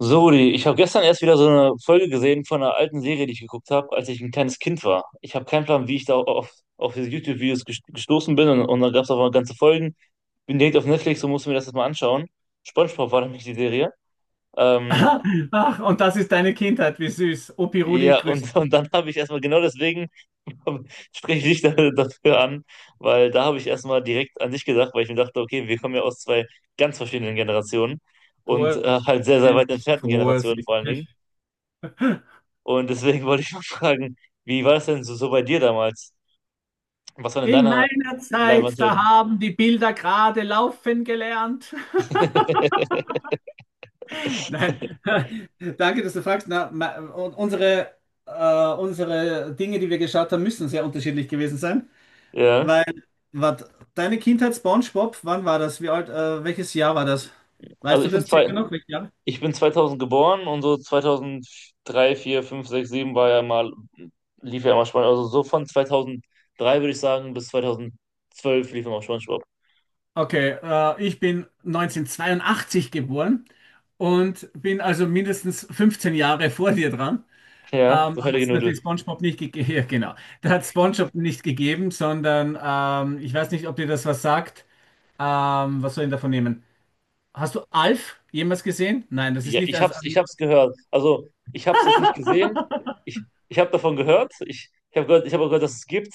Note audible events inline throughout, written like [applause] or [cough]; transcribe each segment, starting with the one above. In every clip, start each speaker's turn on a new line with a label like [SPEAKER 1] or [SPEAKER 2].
[SPEAKER 1] So, Rudi, ich habe gestern erst wieder so eine Folge gesehen von einer alten Serie, die ich geguckt habe, als ich ein kleines Kind war. Ich habe keinen Plan, wie ich da auf diese YouTube-Videos gestoßen bin und da gab es auch mal ganze Folgen. Bin direkt auf Netflix und musste mir das jetzt mal anschauen. SpongeBob war nämlich die Serie. Ähm,
[SPEAKER 2] [laughs] Ach, und das ist deine Kindheit, wie süß. Opi Rudi
[SPEAKER 1] ja, und
[SPEAKER 2] grüßt
[SPEAKER 1] [laughs] und dann habe ich erstmal genau deswegen [laughs] spreche ich dich dafür an, weil da habe ich erstmal direkt an dich gedacht, weil ich mir dachte, okay, wir kommen ja aus zwei ganz verschiedenen Generationen und halt sehr, sehr weit
[SPEAKER 2] vorsichtig,
[SPEAKER 1] entfernten Generationen vor allen Dingen.
[SPEAKER 2] vorsichtig.
[SPEAKER 1] Und deswegen [laughs] wollte ich mal fragen, wie war es denn so, so bei dir damals? Was waren denn
[SPEAKER 2] In
[SPEAKER 1] deine
[SPEAKER 2] meiner Zeit, da
[SPEAKER 1] Leinwandhelden?
[SPEAKER 2] haben die Bilder gerade laufen gelernt.
[SPEAKER 1] [laughs]
[SPEAKER 2] [laughs] Nein, [laughs] danke. Na, und unsere äh, Diesen sein,
[SPEAKER 1] Ja,
[SPEAKER 2] weil wat, deine Kindheit SpongeBob, wann war das? Wie alt? Welches Jahr war das?
[SPEAKER 1] also
[SPEAKER 2] Weißt du das circa noch? Welches Jahr?
[SPEAKER 1] ich bin 2000 geboren und so 2003, 4, 5, 6, 7 lief ja immer SpongeBob. Also so von 2003 würde ich sagen bis 2012 lief immer SpongeBob.
[SPEAKER 2] Okay, ich bin 1982 geboren und bin also mindestens 15 Jahre vor dir dran.
[SPEAKER 1] Ja,
[SPEAKER 2] Ähm,
[SPEAKER 1] so
[SPEAKER 2] hat
[SPEAKER 1] fertige
[SPEAKER 2] es natürlich
[SPEAKER 1] Nudel.
[SPEAKER 2] SpongeBob nicht gegeben. [laughs] Ja, genau. Da hat SpongeBob nicht gegeben, sondern ich weiß nicht, ob dir das was sagt. Was soll ich denn davon nehmen? Hast du Alf jemals gesehen? Nein, das ist
[SPEAKER 1] Ja,
[SPEAKER 2] nicht. Also,
[SPEAKER 1] ich hab's gehört. Also, ich hab's jetzt nicht gesehen. Ich habe davon gehört. Ich habe auch gehört, dass es gibt.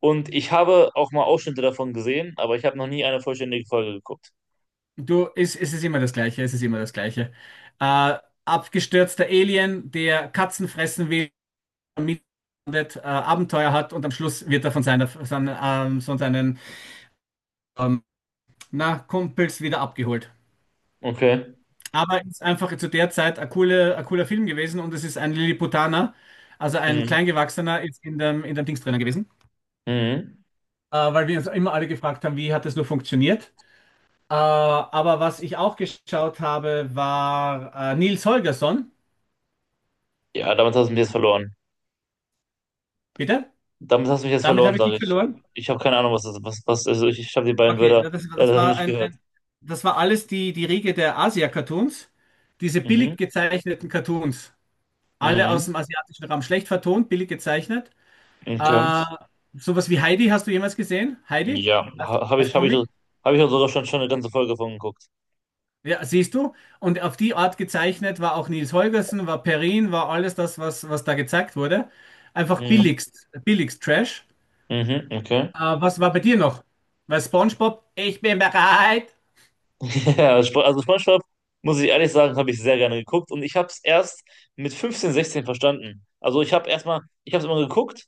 [SPEAKER 1] Und ich habe auch mal Ausschnitte davon gesehen, aber ich habe noch nie eine vollständige Folge geguckt.
[SPEAKER 2] du, es ist immer das Gleiche. Es ist immer das Gleiche. Äh, abgestürzter Alien, der Katzen fressen will, mit, Abenteuer hat und am Schluss wird er von seinen ähm, na, Kumpels wieder abgeholt.
[SPEAKER 1] Okay.
[SPEAKER 2] Aber ist einfach zu der Zeit ein cooler Film gewesen und es ist ein Lilliputaner, also ein
[SPEAKER 1] Mhm.
[SPEAKER 2] Kleingewachsener, ist in dem Dings drinnen gewesen.
[SPEAKER 1] Mhm.
[SPEAKER 2] Weil wir uns immer alle gefragt haben, wie hat das nur funktioniert. Aber was ich auch geschaut habe, war Nils Holgersson.
[SPEAKER 1] Ja, damit hast du mich jetzt verloren.
[SPEAKER 2] Bitte?
[SPEAKER 1] Damit hast du mich jetzt
[SPEAKER 2] Damit
[SPEAKER 1] verloren,
[SPEAKER 2] habe ich
[SPEAKER 1] sage
[SPEAKER 2] dich
[SPEAKER 1] ich.
[SPEAKER 2] verloren.
[SPEAKER 1] Ich habe keine Ahnung, was das ist. Also ich habe die beiden
[SPEAKER 2] Okay,
[SPEAKER 1] Wörter
[SPEAKER 2] ja,
[SPEAKER 1] leider nicht gehört.
[SPEAKER 2] das war alles die Riege der Asia-Cartoons. Diese billig
[SPEAKER 1] Mhm.
[SPEAKER 2] gezeichneten Cartoons. Alle
[SPEAKER 1] Mhm.
[SPEAKER 2] aus dem asiatischen Raum schlecht vertont, billig gezeichnet.
[SPEAKER 1] Okay.
[SPEAKER 2] Äh, sowas wie Heidi hast du jemals gesehen? Heidi
[SPEAKER 1] Ja,
[SPEAKER 2] als, als Comic?
[SPEAKER 1] habe ich auch sogar schon eine ganze Folge davon geguckt.
[SPEAKER 2] Ja, siehst du? Und auf die Art gezeichnet war auch Nils Holgersen, war Perrin, war alles das, was da gezeigt wurde. Einfach
[SPEAKER 1] Mhm.
[SPEAKER 2] billigst, billigst Trash.
[SPEAKER 1] Mhm. Okay.
[SPEAKER 2] Was war bei dir noch? Weil SpongeBob, ich bin bereit.
[SPEAKER 1] [laughs] Ja, also SpongeBob, muss ich ehrlich sagen, habe ich sehr gerne geguckt und ich habe es erst mit 15, 16 verstanden. Also ich habe es immer geguckt,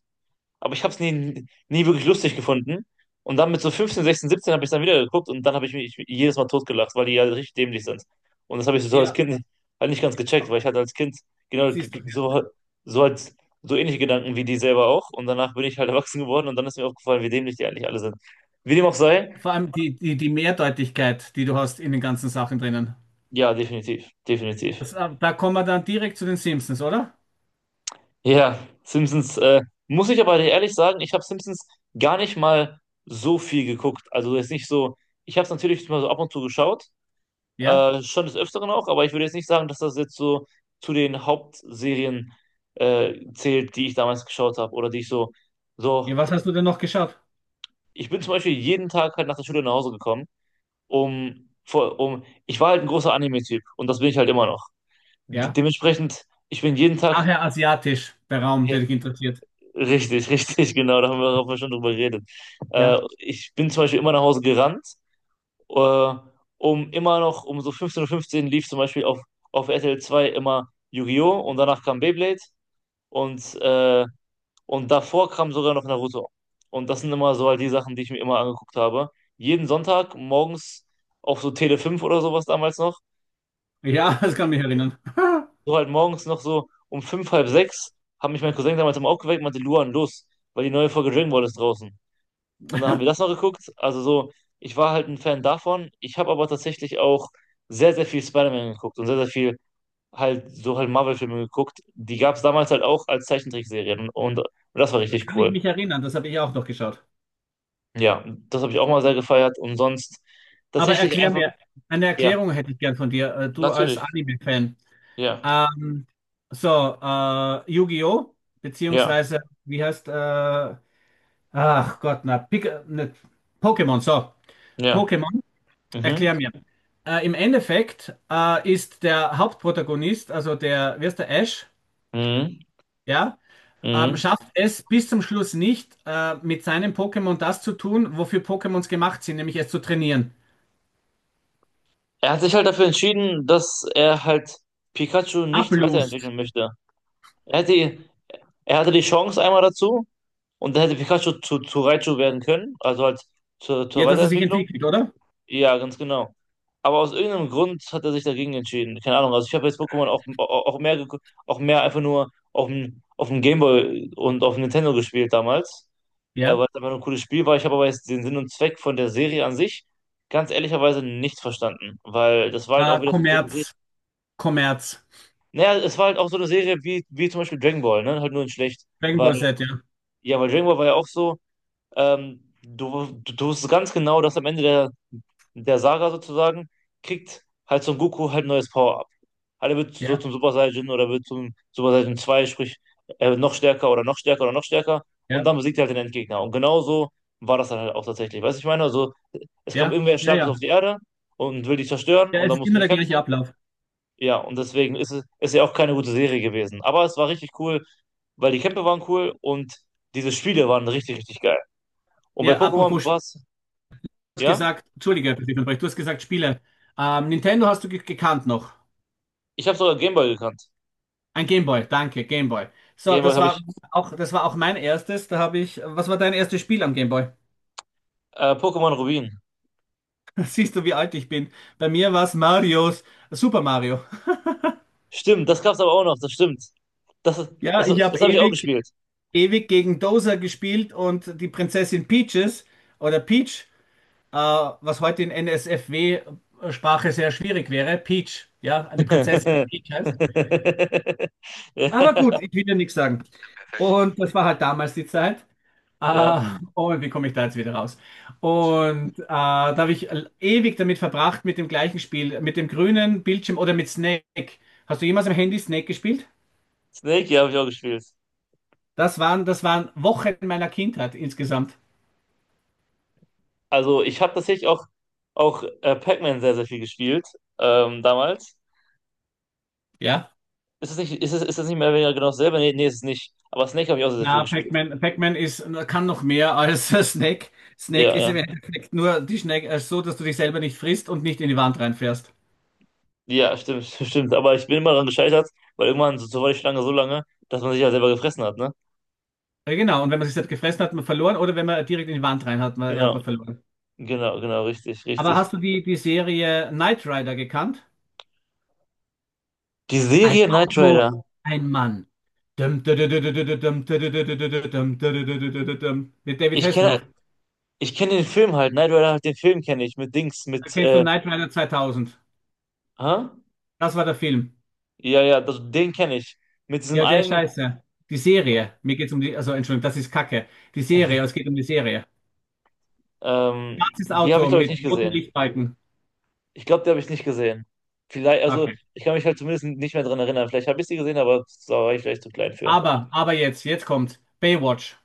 [SPEAKER 1] aber ich habe es nie wirklich lustig gefunden. Und dann mit so 15, 16, 17 habe ich es dann wieder geguckt und dann habe ich mich jedes Mal totgelacht, weil die ja richtig dämlich sind. Und das habe ich so als
[SPEAKER 2] Ja,
[SPEAKER 1] Kind [laughs] halt nicht ganz gecheckt, weil ich hatte als Kind genau g-
[SPEAKER 2] siehst du.
[SPEAKER 1] g-
[SPEAKER 2] Ja.
[SPEAKER 1] so, so als so ähnliche Gedanken wie die selber auch. Und danach bin ich halt [laughs] erwachsen geworden und dann ist mir aufgefallen, wie dämlich die eigentlich alle sind. Wie dem auch sei,
[SPEAKER 2] Vor allem die Mehrdeutigkeit, die du hast in den ganzen Sachen drinnen.
[SPEAKER 1] ja, definitiv, definitiv.
[SPEAKER 2] Da kommen wir dann direkt zu den Simpsons, oder?
[SPEAKER 1] Ja, Simpsons, muss ich aber ehrlich sagen, ich habe Simpsons gar nicht mal so viel geguckt. Also jetzt nicht so, ich habe es natürlich mal so ab und zu geschaut,
[SPEAKER 2] Ja?
[SPEAKER 1] schon des Öfteren auch, aber ich würde jetzt nicht sagen, dass das jetzt so zu den Hauptserien zählt, die ich damals geschaut habe oder die ich
[SPEAKER 2] Ja,
[SPEAKER 1] so,
[SPEAKER 2] was hast du denn noch geschaut?
[SPEAKER 1] ich bin zum Beispiel jeden Tag halt nach der Schule nach Hause gekommen, ich war halt ein großer Anime-Typ und das bin ich halt immer noch. De
[SPEAKER 2] Ja.
[SPEAKER 1] dementsprechend, ich bin jeden Tag
[SPEAKER 2] Nachher asiatisch, der Raum, der dich interessiert.
[SPEAKER 1] richtig, [laughs] richtig, genau, da haben wir schon drüber geredet.
[SPEAKER 2] Ja,
[SPEAKER 1] Ich bin zum Beispiel immer nach Hause gerannt, äh, um so 15:15 Uhr fünfzehn lief zum Beispiel auf RTL 2 immer Yu-Gi-Oh! Und danach kam Beyblade und, äh, und davor kam sogar noch Naruto. Und das sind immer so halt die Sachen, die ich mir immer angeguckt habe. Jeden Sonntag morgens auf so Tele 5 oder sowas damals noch,
[SPEAKER 2] ja, [laughs] das kann mich erinnern.
[SPEAKER 1] so halt morgens noch so um fünf, halb sechs, haben mich mein Cousin damals immer aufgeweckt und meinte, Luan, los, weil die neue Folge Dragon Ball ist draußen. Und dann haben wir das noch
[SPEAKER 2] [laughs]
[SPEAKER 1] geguckt. Also so, ich war halt ein Fan davon. Ich habe aber tatsächlich auch sehr, sehr viel Spider-Man geguckt und sehr, sehr viel halt so halt Marvel-Filme geguckt. Die gab es damals halt auch als Zeichentrickserien und das war
[SPEAKER 2] Da
[SPEAKER 1] richtig
[SPEAKER 2] kann ich
[SPEAKER 1] cool.
[SPEAKER 2] mich erinnern, das habe ich auch noch geschaut.
[SPEAKER 1] Ja, das habe ich auch mal sehr gefeiert und sonst
[SPEAKER 2] Aber
[SPEAKER 1] tatsächlich
[SPEAKER 2] erklär
[SPEAKER 1] einfach,
[SPEAKER 2] mir, eine
[SPEAKER 1] ja,
[SPEAKER 2] Erklärung hätte ich gern von dir, du als
[SPEAKER 1] natürlich.
[SPEAKER 2] Anime-Fan.
[SPEAKER 1] Ja,
[SPEAKER 2] Ähm, so, Yu-Gi-Oh!
[SPEAKER 1] ja,
[SPEAKER 2] Beziehungsweise, wie heißt, ach Gott, na, Pokémon, so,
[SPEAKER 1] ja.
[SPEAKER 2] Pokémon,
[SPEAKER 1] Mhm,
[SPEAKER 2] erklär mir. Im Endeffekt ist der Hauptprotagonist, also der, wie heißt der, Ash,
[SPEAKER 1] mhm,
[SPEAKER 2] ja, Ähm,
[SPEAKER 1] mhm.
[SPEAKER 2] schafft es bis zum Schluss nicht, mit seinem Pokémon das zu tun, wofür Pokémons gemacht sind, nämlich es zu trainieren.
[SPEAKER 1] Er hat sich halt dafür entschieden, dass er halt Pikachu nicht
[SPEAKER 2] Ablust.
[SPEAKER 1] weiterentwickeln möchte. Er hätte, er hatte die Chance einmal dazu. Und dann hätte Pikachu zu Raichu werden können, also halt zur
[SPEAKER 2] Ja, dass er sich
[SPEAKER 1] Weiterentwicklung.
[SPEAKER 2] entwickelt, oder?
[SPEAKER 1] Ja, ganz genau. Aber aus irgendeinem Grund hat er sich dagegen entschieden. Keine Ahnung. Also ich habe jetzt Pokémon auch mehr auch mehr einfach nur auf auf dem Gameboy und auf dem Nintendo gespielt damals,
[SPEAKER 2] Ja.
[SPEAKER 1] weil es einfach nur ein cooles Spiel war. Ich habe aber jetzt den Sinn und Zweck von der Serie an sich ganz ehrlicherweise nicht verstanden, weil das war halt auch wieder so eine Serie.
[SPEAKER 2] Kommerz. Kommerz.
[SPEAKER 1] Naja, es war halt auch so eine Serie wie zum Beispiel Dragon Ball, ne? Halt nur in schlecht.
[SPEAKER 2] Dragon
[SPEAKER 1] Weil,
[SPEAKER 2] Ball Z, ja.
[SPEAKER 1] ja, weil Dragon Ball war ja auch so. Du wusstest ganz genau, dass am Ende der Saga sozusagen kriegt halt Son Goku halt ein neues Power-Up. Halt, er wird so
[SPEAKER 2] Ja,
[SPEAKER 1] zum Super Saiyan oder wird zum Super Saiyan 2, sprich, er wird noch stärker oder noch stärker oder noch stärker und
[SPEAKER 2] ja,
[SPEAKER 1] dann besiegt er halt den Endgegner. Und genauso war das dann halt auch tatsächlich. Weißt du, ich meine, also es kam
[SPEAKER 2] ja,
[SPEAKER 1] irgendwer
[SPEAKER 2] ja,
[SPEAKER 1] Starkes auf
[SPEAKER 2] ja.
[SPEAKER 1] die Erde und will die zerstören
[SPEAKER 2] Ja,
[SPEAKER 1] und
[SPEAKER 2] es
[SPEAKER 1] dann
[SPEAKER 2] ist
[SPEAKER 1] mussten
[SPEAKER 2] immer
[SPEAKER 1] die
[SPEAKER 2] der gleiche
[SPEAKER 1] kämpfen.
[SPEAKER 2] Ablauf.
[SPEAKER 1] Ja, und deswegen ist ja auch keine gute Serie gewesen. Aber es war richtig cool, weil die Kämpfe waren cool und diese Spiele waren richtig, richtig geil. Und bei
[SPEAKER 2] Ja,
[SPEAKER 1] Pokémon
[SPEAKER 2] apropos, du
[SPEAKER 1] war es,
[SPEAKER 2] hast
[SPEAKER 1] ja?
[SPEAKER 2] gesagt, Entschuldige, dass ich unterbreche, du hast gesagt Spiele. Nintendo hast du ge gekannt noch.
[SPEAKER 1] Ich habe sogar Gameboy gekannt.
[SPEAKER 2] Ein Gameboy, danke, Gameboy. So,
[SPEAKER 1] Gameboy
[SPEAKER 2] das
[SPEAKER 1] habe
[SPEAKER 2] war
[SPEAKER 1] ich.
[SPEAKER 2] auch, das war auch mein erstes. Was war dein erstes Spiel am Gameboy?
[SPEAKER 1] Pokémon Rubin.
[SPEAKER 2] [laughs] Siehst du, wie alt ich bin? Bei mir war es Super Mario.
[SPEAKER 1] Stimmt, das gab's aber auch noch, das stimmt. Das, ist-
[SPEAKER 2] Ja,
[SPEAKER 1] das,
[SPEAKER 2] ich
[SPEAKER 1] das
[SPEAKER 2] habe
[SPEAKER 1] habe ich auch
[SPEAKER 2] ewig,
[SPEAKER 1] gespielt.
[SPEAKER 2] ewig gegen Dozer gespielt und die Prinzessin Peaches oder Peach, was heute in NSFW-Sprache sehr schwierig wäre. Peach, ja, eine Prinzessin, die
[SPEAKER 1] [laughs]
[SPEAKER 2] Peach heißt. Aber gut, ich will ja nichts sagen. Und das war halt damals die Zeit.
[SPEAKER 1] Ja,
[SPEAKER 2] Ah, oh, wie komme ich da jetzt wieder raus? Und da habe ich ewig damit verbracht, mit dem gleichen Spiel, mit dem grünen Bildschirm oder mit Snake. Hast du jemals am Handy Snake gespielt?
[SPEAKER 1] Snake, ja, habe ich auch gespielt.
[SPEAKER 2] Das waren Wochen meiner Kindheit insgesamt.
[SPEAKER 1] Also ich habe tatsächlich auch Pac-Man sehr, sehr viel gespielt damals.
[SPEAKER 2] Ja?
[SPEAKER 1] Ist es nicht mehr oder weniger genau dasselbe? Nee, nee, ist es nicht. Aber Snake habe ich auch sehr, sehr viel
[SPEAKER 2] Na,
[SPEAKER 1] gespielt.
[SPEAKER 2] Pac-Man, kann noch mehr als [laughs] Snake.
[SPEAKER 1] Ja,
[SPEAKER 2] Snake ist im
[SPEAKER 1] ja.
[SPEAKER 2] Endeffekt nur die Snake, so, dass du dich selber nicht frisst und nicht in die Wand reinfährst.
[SPEAKER 1] Ja, stimmt, [laughs] stimmt. Aber ich bin immer daran gescheitert, weil irgendwann so war die Schlange so lange, dass man sich ja selber gefressen hat, ne?
[SPEAKER 2] Ja, genau, und wenn man sich halt gefressen hat, hat man verloren, oder wenn man direkt in die Wand rein hat, hat
[SPEAKER 1] Genau.
[SPEAKER 2] man verloren.
[SPEAKER 1] Genau, genau, richtig,
[SPEAKER 2] Aber
[SPEAKER 1] richtig.
[SPEAKER 2] hast du die Serie Knight Rider gekannt?
[SPEAKER 1] Die
[SPEAKER 2] Ein
[SPEAKER 1] Serie Knight
[SPEAKER 2] Auto,
[SPEAKER 1] Rider.
[SPEAKER 2] ein Mann. Dum, dum, dum, dum, dum, dum, dum, dum, dum, dum, dum. Mit David
[SPEAKER 1] Ich kenne
[SPEAKER 2] Hasselhoff.
[SPEAKER 1] ich kenne den Film halt. Knight Rider halt den Film kenne ich mit Dings,
[SPEAKER 2] Da
[SPEAKER 1] mit
[SPEAKER 2] kennst du Knight Rider 2000.
[SPEAKER 1] hä?
[SPEAKER 2] Das war der Film.
[SPEAKER 1] Ja, ja, das, den kenne ich. Mit diesem
[SPEAKER 2] Ja, der ist
[SPEAKER 1] einen,
[SPEAKER 2] Scheiße. Die Serie. Mir geht's um die, also Entschuldigung, das ist Kacke. Die Serie, es geht um die Serie. Schwarzes
[SPEAKER 1] die habe ich
[SPEAKER 2] Auto
[SPEAKER 1] glaube ich
[SPEAKER 2] mit
[SPEAKER 1] nicht
[SPEAKER 2] roten
[SPEAKER 1] gesehen.
[SPEAKER 2] Lichtbalken.
[SPEAKER 1] Ich glaube, die habe ich nicht gesehen. Vielleicht, also
[SPEAKER 2] Okay.
[SPEAKER 1] ich kann mich halt zumindest nicht mehr dran erinnern. Vielleicht habe ich sie gesehen, aber da war ich vielleicht zu klein für.
[SPEAKER 2] Aber jetzt kommt Baywatch.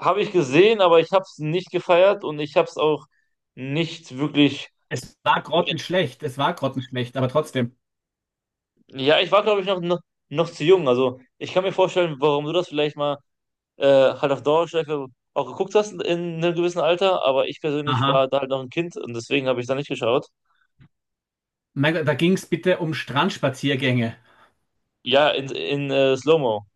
[SPEAKER 1] Habe ich gesehen, aber ich habe es nicht gefeiert und ich habe es auch nicht wirklich.
[SPEAKER 2] Es war grottenschlecht, aber trotzdem.
[SPEAKER 1] Ja, ich war glaube ich noch zu jung. Also ich kann mir vorstellen, warum du das vielleicht mal äh, halt auf Dauerschleife auch geguckt hast in einem gewissen Alter, aber ich persönlich war
[SPEAKER 2] Aha.
[SPEAKER 1] da halt noch ein Kind und deswegen habe ich da nicht geschaut.
[SPEAKER 2] Mein Gott, da ging es bitte um Strandspaziergänge.
[SPEAKER 1] Ja, in, Slow-Mo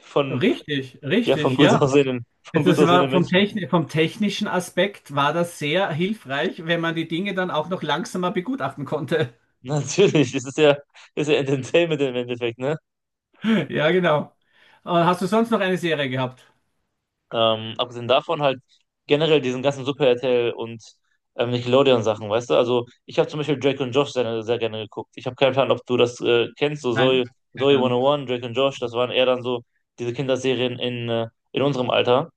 [SPEAKER 1] von,
[SPEAKER 2] Richtig,
[SPEAKER 1] ja, von
[SPEAKER 2] richtig,
[SPEAKER 1] gut [laughs]
[SPEAKER 2] ja. Das
[SPEAKER 1] von gut
[SPEAKER 2] das war
[SPEAKER 1] aussehenden Menschen.
[SPEAKER 2] Vom technischen Aspekt war das sehr hilfreich, wenn man die Dinge dann auch noch langsamer begutachten konnte. [laughs]
[SPEAKER 1] [laughs] Natürlich, ist ja Entertainment im Endeffekt, ne?
[SPEAKER 2] Ja, genau. Hast du sonst noch eine Serie gehabt?
[SPEAKER 1] Abgesehen davon halt generell diesen ganzen Super RTL und Nickelodeon-Sachen, weißt du? Also ich habe zum Beispiel Drake und Josh sehr, sehr gerne geguckt. Ich habe keinen Plan, ob du das kennst, so
[SPEAKER 2] Nein, keine
[SPEAKER 1] Zoe
[SPEAKER 2] Ahnung.
[SPEAKER 1] 101, Drake und Josh, das waren eher dann so diese Kinderserien in unserem Alter.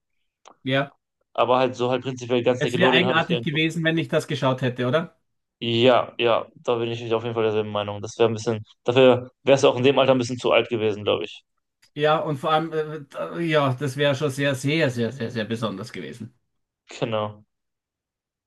[SPEAKER 2] Ja,
[SPEAKER 1] Aber halt so halt prinzipiell ganz
[SPEAKER 2] es wäre
[SPEAKER 1] Nickelodeon habe ich
[SPEAKER 2] eigenartig
[SPEAKER 1] gerne geguckt.
[SPEAKER 2] gewesen, wenn ich das geschaut hätte, oder?
[SPEAKER 1] Ja, ja, da bin ich auf jeden Fall derselben Meinung. Das wäre ein bisschen, dafür wärst du auch in dem Alter ein bisschen zu alt gewesen, glaube ich.
[SPEAKER 2] Ja, und vor allem, ja, das wäre schon sehr, sehr, sehr, sehr, sehr besonders gewesen.
[SPEAKER 1] Genau.